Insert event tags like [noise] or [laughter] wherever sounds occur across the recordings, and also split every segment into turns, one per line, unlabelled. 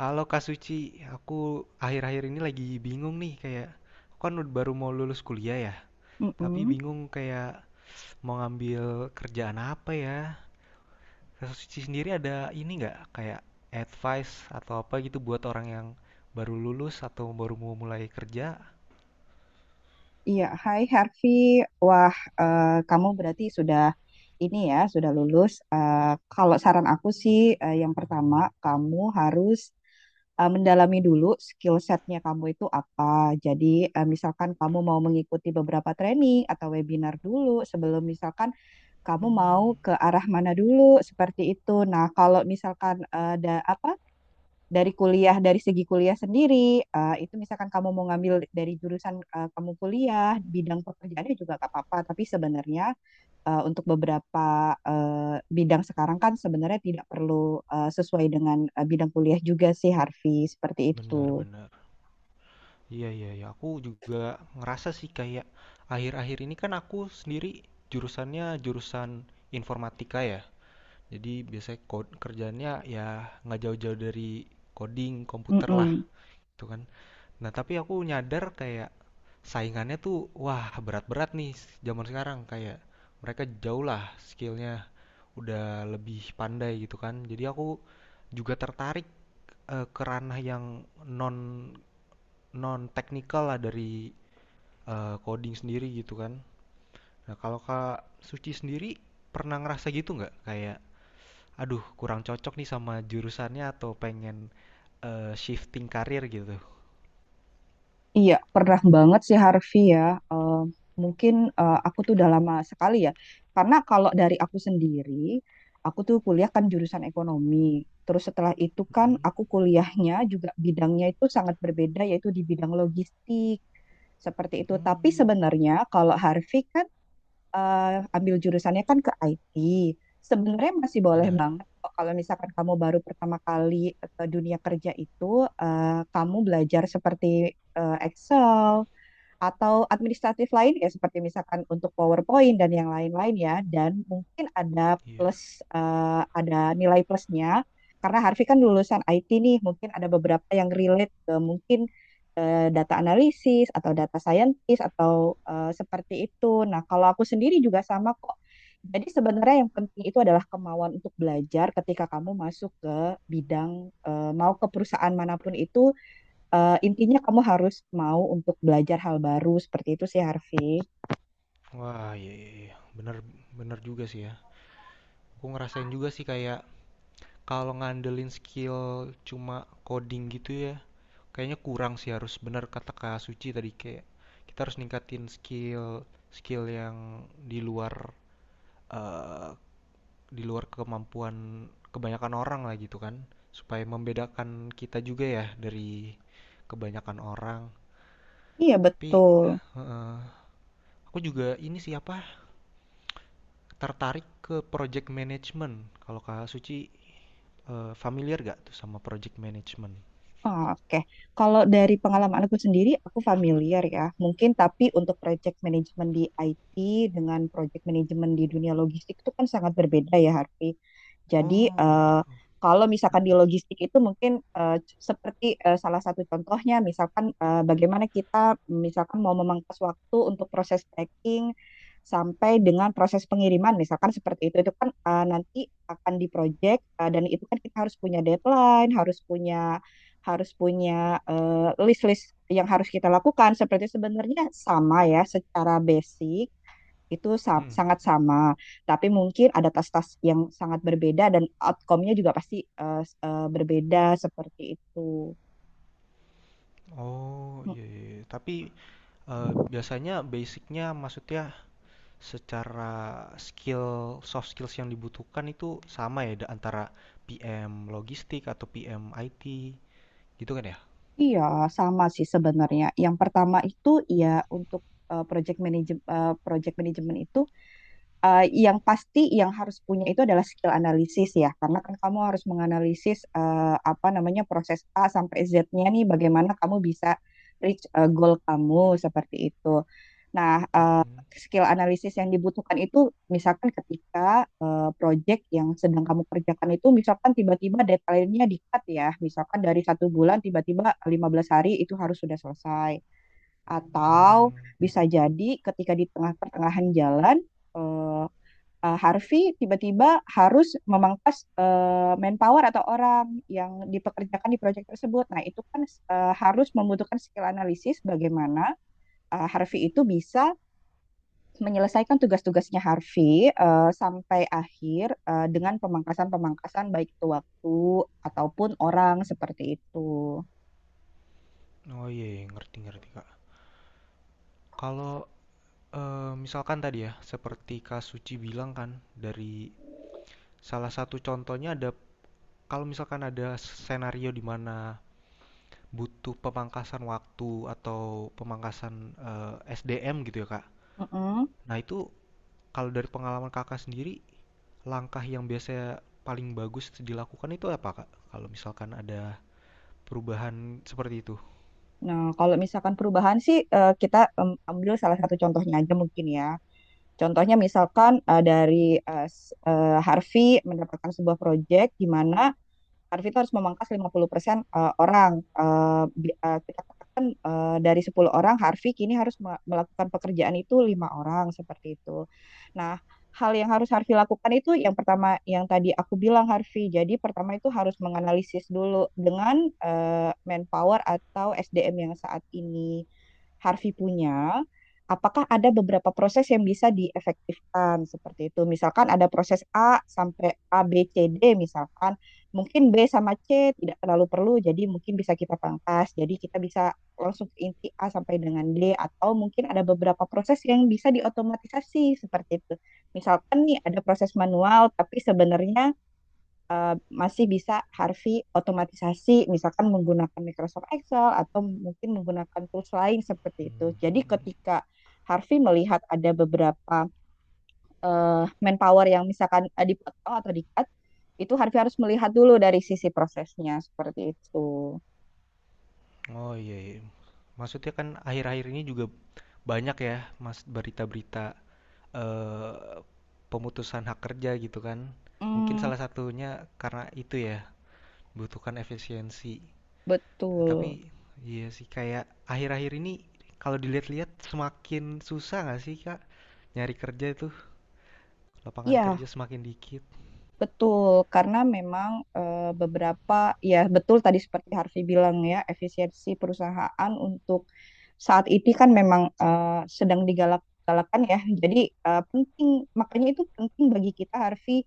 Halo Kak Suci, aku akhir-akhir ini lagi bingung nih, kayak aku kan baru mau lulus kuliah ya, tapi
Mm-mm.
bingung kayak mau ngambil kerjaan apa ya. Kak Suci sendiri ada ini nggak, kayak advice atau apa gitu buat orang yang baru lulus atau baru mau mulai kerja?
Iya, Hai Harvey. Wah, kamu berarti sudah ini ya, sudah lulus. Kalau saran aku sih, yang pertama kamu harus mendalami dulu skill setnya kamu itu apa. Jadi, misalkan kamu mau mengikuti beberapa training atau webinar dulu sebelum misalkan kamu mau
Hmm,
ke arah mana dulu seperti itu. Nah, kalau misalkan ada apa dari kuliah dari segi kuliah sendiri itu misalkan kamu mau ngambil dari jurusan kamu kuliah bidang pekerjaannya juga gak apa-apa tapi sebenarnya untuk beberapa bidang sekarang kan sebenarnya tidak perlu sesuai dengan bidang kuliah juga sih Harvey seperti itu.
benar-benar. Iya, iya, iya, aku juga ngerasa sih kayak akhir-akhir ini kan aku sendiri jurusannya jurusan informatika ya. Jadi biasanya kerjaannya ya nggak jauh-jauh dari coding komputer lah,
Mm-mm.
gitu kan. Nah, tapi aku nyadar kayak saingannya tuh wah berat-berat nih zaman sekarang, kayak mereka jauh lah skillnya, udah lebih pandai gitu kan. Jadi aku juga tertarik ke ranah yang non non teknikal lah dari coding sendiri gitu kan. Nah, kalau Kak Suci sendiri pernah ngerasa gitu nggak, kayak aduh kurang cocok nih sama jurusannya atau pengen shifting karir gitu.
Iya, pernah banget sih Harvey ya. Eh, Mungkin aku tuh udah lama sekali ya. Karena kalau dari aku sendiri, aku tuh kuliah kan jurusan ekonomi. Terus setelah itu kan
Mm.
aku kuliahnya juga bidangnya itu sangat berbeda yaitu di bidang logistik. Seperti itu. Tapi
Hmm,
sebenarnya kalau Harvey kan ambil jurusannya kan ke IT. Sebenarnya masih boleh
benar.
banget kok kalau misalkan kamu baru pertama kali ke dunia kerja itu, kamu belajar seperti Excel, atau administratif lain ya seperti misalkan untuk PowerPoint dan yang lain-lain ya dan mungkin ada
Iya.
plus ada nilai plusnya karena Harvey kan lulusan IT nih mungkin ada beberapa yang relate ke mungkin data analisis atau data scientist atau seperti itu. Nah, kalau aku sendiri juga sama kok. Jadi sebenarnya yang penting itu adalah kemauan untuk belajar ketika kamu masuk ke bidang mau ke perusahaan manapun itu. Eh, intinya kamu harus mau untuk belajar hal baru seperti itu sih Harvey.
Wah, iya, iya, iya. Benar, benar juga sih ya. Aku ngerasain juga sih kayak kalau ngandelin skill cuma coding gitu ya, kayaknya kurang sih, harus benar kata Kak Suci tadi, kayak kita harus ningkatin skill, yang di luar, eh, di luar kemampuan kebanyakan orang lah gitu kan, supaya membedakan kita juga ya dari kebanyakan orang,
Iya
tapi
betul.
eh, aku juga ini siapa, tertarik ke project management. Kalau Kak Suci familiar gak tuh sama project management?
Oke, kalau dari pengalaman aku sendiri, aku familiar ya. Mungkin tapi untuk project management di IT dengan project management di dunia logistik itu kan sangat berbeda ya, Harvey. Jadi
Oh gitu.
eh, kalau misalkan di logistik itu mungkin eh, seperti salah satu contohnya, misalkan bagaimana kita misalkan mau memangkas waktu untuk proses packing sampai dengan proses pengiriman, misalkan seperti itu. Itu kan nanti akan di project dan itu kan kita harus punya deadline, harus punya eh, list-list yang harus kita lakukan. Seperti sebenarnya sama ya, secara basic itu
Mm.
sangat sama, tapi mungkin ada tas-tas yang sangat berbeda dan outcome-nya juga pasti berbeda seperti itu.
Oh
Mm,
iya, iya. Tapi biasanya basicnya, maksudnya secara skill, soft skills yang dibutuhkan itu sama ya, antara PM logistik atau PM IT gitu kan ya?
Iya, sama sih sebenarnya. Yang pertama itu ya untuk eh, project manage project management itu yang pasti yang harus punya itu adalah skill analisis ya, karena kan kamu harus menganalisis apa namanya proses A sampai Z-nya nih, bagaimana kamu bisa reach goal kamu seperti itu. Nah,
Mm-mm.
skill analisis yang dibutuhkan itu misalkan ketika project yang sedang kamu kerjakan itu misalkan tiba-tiba deadline-nya di-cut ya, misalkan dari satu bulan tiba-tiba 15 hari itu harus sudah selesai.
Hmm.
Atau bisa jadi ketika di tengah pertengahan jalan eh, Harvey tiba-tiba harus memangkas manpower atau orang yang dipekerjakan di proyek tersebut. Nah, itu kan harus membutuhkan skill analisis bagaimana Harvey itu bisa menyelesaikan tugas-tugasnya Harvey sampai akhir dengan pemangkasan-pemangkasan baik itu waktu ataupun orang seperti itu.
Oh iya, iya, ngerti ngerti Kak. Kalau misalkan tadi ya seperti Kak Suci bilang kan, dari salah satu contohnya ada, kalau misalkan ada skenario di mana butuh pemangkasan waktu atau pemangkasan SDM gitu ya Kak.
Mm-mm.
Nah, itu kalau dari pengalaman Kakak sendiri, langkah yang biasanya paling bagus dilakukan itu apa, Kak? Kalau misalkan ada perubahan seperti itu.
Nah, kalau misalkan perubahan sih kita ambil salah satu contohnya aja mungkin ya. Contohnya misalkan eh, dari eh, s- eh, Harvey mendapatkan sebuah proyek di mana Arvita harus memangkas 50% persen orang. Kita katakan dari 10 orang, Harvey kini harus melakukan pekerjaan itu 5 orang seperti itu. Nah, hal yang harus Harvey lakukan itu yang pertama yang tadi aku bilang Harvey. Jadi pertama itu harus menganalisis dulu dengan manpower atau SDM yang saat ini Harvey punya, apakah ada beberapa proses yang bisa diefektifkan seperti itu. Misalkan ada proses A, B, C, D misalkan. Mungkin B sama C tidak terlalu perlu, jadi mungkin bisa kita pangkas. Jadi kita bisa langsung ke inti A sampai dengan D, atau mungkin ada beberapa proses yang bisa diotomatisasi seperti itu. Misalkan nih ada proses manual, tapi sebenarnya masih bisa Harvey otomatisasi, misalkan menggunakan Microsoft Excel atau mungkin menggunakan tools lain seperti itu. Jadi ketika Harvey melihat ada beberapa eh, manpower yang misalkan dipotong atau di-cut, itu Harvey harus melihat dulu dari sisi prosesnya seperti itu.
Oh iya, iya. Maksudnya kan akhir-akhir ini juga banyak ya, Mas, berita-berita eh, pemutusan hak kerja gitu kan. Mungkin
Hmm,
salah satunya karena itu ya, butuhkan efisiensi. Nah, tapi
betul.
iya sih, kayak akhir-akhir ini kalau dilihat-lihat semakin susah nggak sih, Kak? Nyari kerja itu, lapangan
Iya,
kerja semakin dikit.
betul. Karena memang eh, beberapa, ya betul tadi seperti Harvey bilang ya, efisiensi perusahaan untuk saat ini kan memang sedang digalak-galakan ya. Jadi penting, makanya itu penting bagi kita Harvey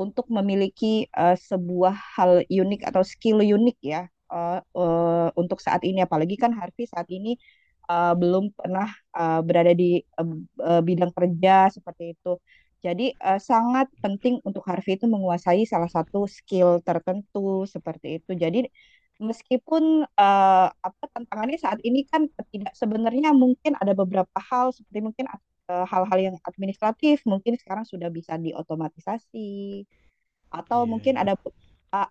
untuk memiliki sebuah hal unik atau skill unik ya untuk saat ini. Apalagi kan Harvey saat ini belum pernah berada di bidang kerja seperti itu. Jadi sangat penting untuk Harvey itu menguasai salah satu skill tertentu seperti itu. Jadi meskipun, tantangannya saat ini kan tidak sebenarnya mungkin ada beberapa hal seperti mungkin, hal-hal yang administratif mungkin sekarang sudah bisa diotomatisasi atau
Iya, yeah,
mungkin
iya. Yeah.
ada be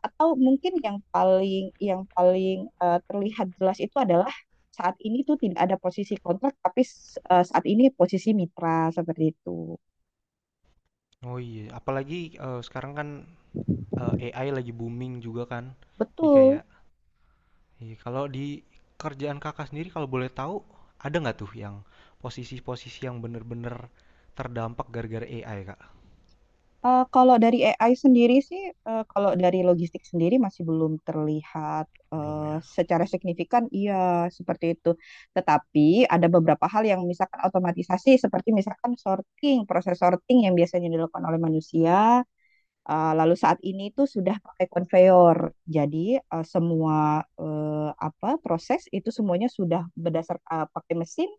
atau mungkin yang paling terlihat jelas itu adalah saat ini tuh tidak ada posisi kontrak tapi, saat ini posisi mitra, seperti itu.
Oh iya, apalagi sekarang kan AI lagi booming juga kan. Di
Betul.
kayak, iya, kalau di kerjaan kakak sendiri kalau boleh tahu, ada nggak tuh yang posisi-posisi yang bener-bener terdampak gara-gara AI kak?
Kalau dari AI sendiri sih, kalau dari logistik sendiri masih belum terlihat
Belum ya.
secara signifikan, iya seperti itu. Tetapi ada beberapa hal yang misalkan otomatisasi, seperti misalkan sorting, proses sorting yang biasanya dilakukan oleh manusia, lalu saat ini itu sudah pakai konveyor. Jadi semua apa proses itu semuanya sudah berdasar pakai mesin.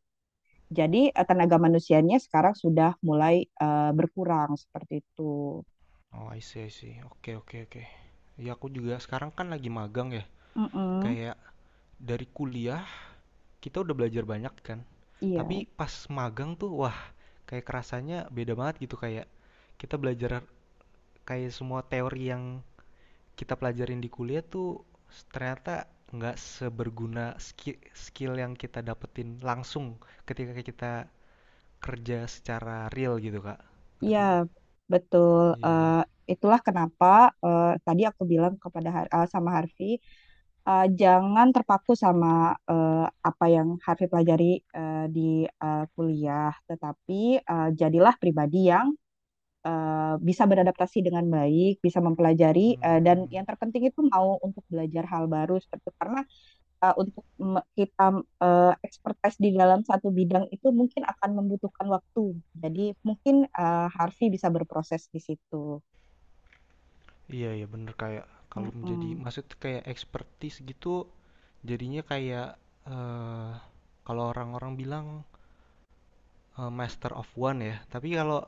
Jadi tenaga manusianya sekarang sudah mulai berkurang seperti itu.
Oh, I see, I see. Oke, oke, oke. Ya aku juga sekarang kan lagi magang ya.
Mm-mm,
Kayak dari kuliah kita udah belajar banyak kan. Tapi
iya,
pas magang tuh wah, kayak kerasanya beda banget gitu, kayak kita belajar kayak semua teori yang kita pelajarin di kuliah tuh ternyata nggak seberguna skill yang kita dapetin langsung ketika kita kerja secara real gitu Kak.
iya,
Ngerti?
betul.
Iya, iya.
Eh, Itulah kenapa tadi aku bilang kepada sama Harvey, jangan terpaku sama eh, apa yang Harvey pelajari di kuliah, tetapi jadilah pribadi yang bisa beradaptasi dengan baik, bisa mempelajari,
Mhm,
dan
mhm.
yang terpenting itu mau untuk belajar hal baru seperti karena untuk kita expertise di dalam satu bidang itu mungkin akan membutuhkan waktu. Jadi mungkin Harvey bisa berproses di situ.
Iya, iya bener, kayak kalau menjadi
Mm-mm.
maksud kayak expertise gitu, jadinya kayak eh kalau orang-orang bilang, master of one ya, tapi kalau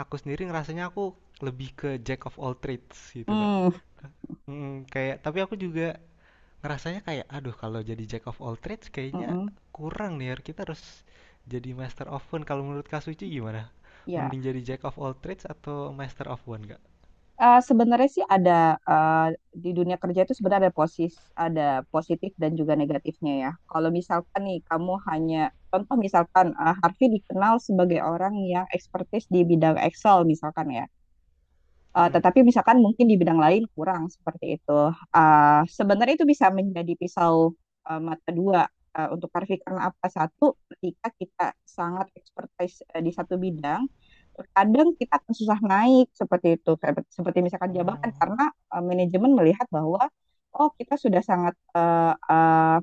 aku sendiri ngerasanya aku lebih ke jack of all trades gitu Kak.
Mm-mm.
Ka- Mm, kayak tapi aku juga ngerasanya kayak aduh kalau jadi jack of all trades kayaknya
Mm-mm.
kurang nih Yar. Kita harus jadi master of one. Kalau menurut Kak Suci gimana,
Ya,
mending jadi jack of all trades atau master of one gak?
Sebenarnya sih ada eh, di dunia kerja itu sebenarnya ada positif dan juga negatifnya ya. Kalau misalkan nih kamu hanya contoh misalkan Harvey dikenal sebagai orang yang ekspertis di bidang Excel misalkan ya.
Mm-mm.
Tetapi misalkan mungkin di bidang lain kurang seperti itu. Sebenarnya itu bisa menjadi pisau mata dua untuk karena apa satu ketika kita sangat expertise di satu bidang, terkadang kita akan susah naik seperti itu, seperti misalkan jabatan
Oh,
karena manajemen melihat bahwa oh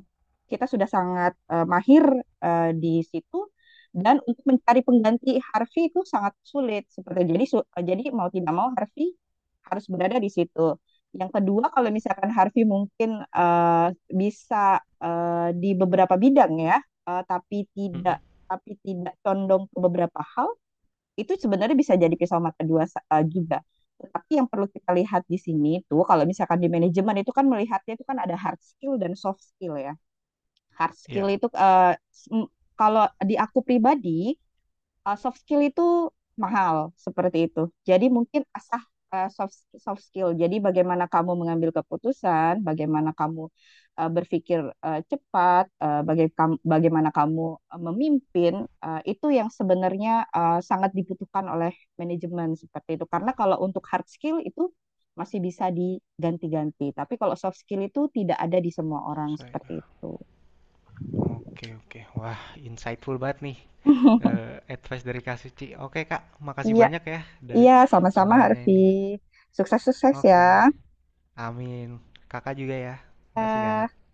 kita sudah sangat mahir di situ, dan untuk mencari pengganti Harvey itu sangat sulit seperti jadi mau tidak mau Harvey harus berada di situ. Yang kedua kalau misalkan Harvey mungkin bisa di beberapa bidang ya, tapi tidak
Mm-mm.
tapi tidak condong ke beberapa hal, itu sebenarnya bisa jadi pisau mata dua juga. Tetapi yang perlu kita lihat di sini itu kalau misalkan di manajemen itu kan melihatnya itu kan ada hard skill dan soft skill ya. Hard skill
Ya.
itu s- m- kalau di aku pribadi soft skill itu mahal seperti itu. Jadi mungkin asah soft soft skill. Jadi bagaimana kamu mengambil keputusan, bagaimana kamu berpikir cepat, bagaimana kamu memimpin itu yang sebenarnya sangat dibutuhkan oleh manajemen seperti itu. Karena kalau untuk hard skill itu masih bisa diganti-ganti, tapi kalau soft skill itu tidak ada di semua orang
Saya.
seperti itu.
Oke, oke, wah insightful banget nih
[laughs]
eh, advice dari Kak Suci. Oke Kak, makasih
Iya,
banyak ya dari
iya, sama-sama
semuanya
Harvey.
ini.
Sukses-sukses ya.
Oke, amin, kakak juga ya, makasih
Kak.
Kak.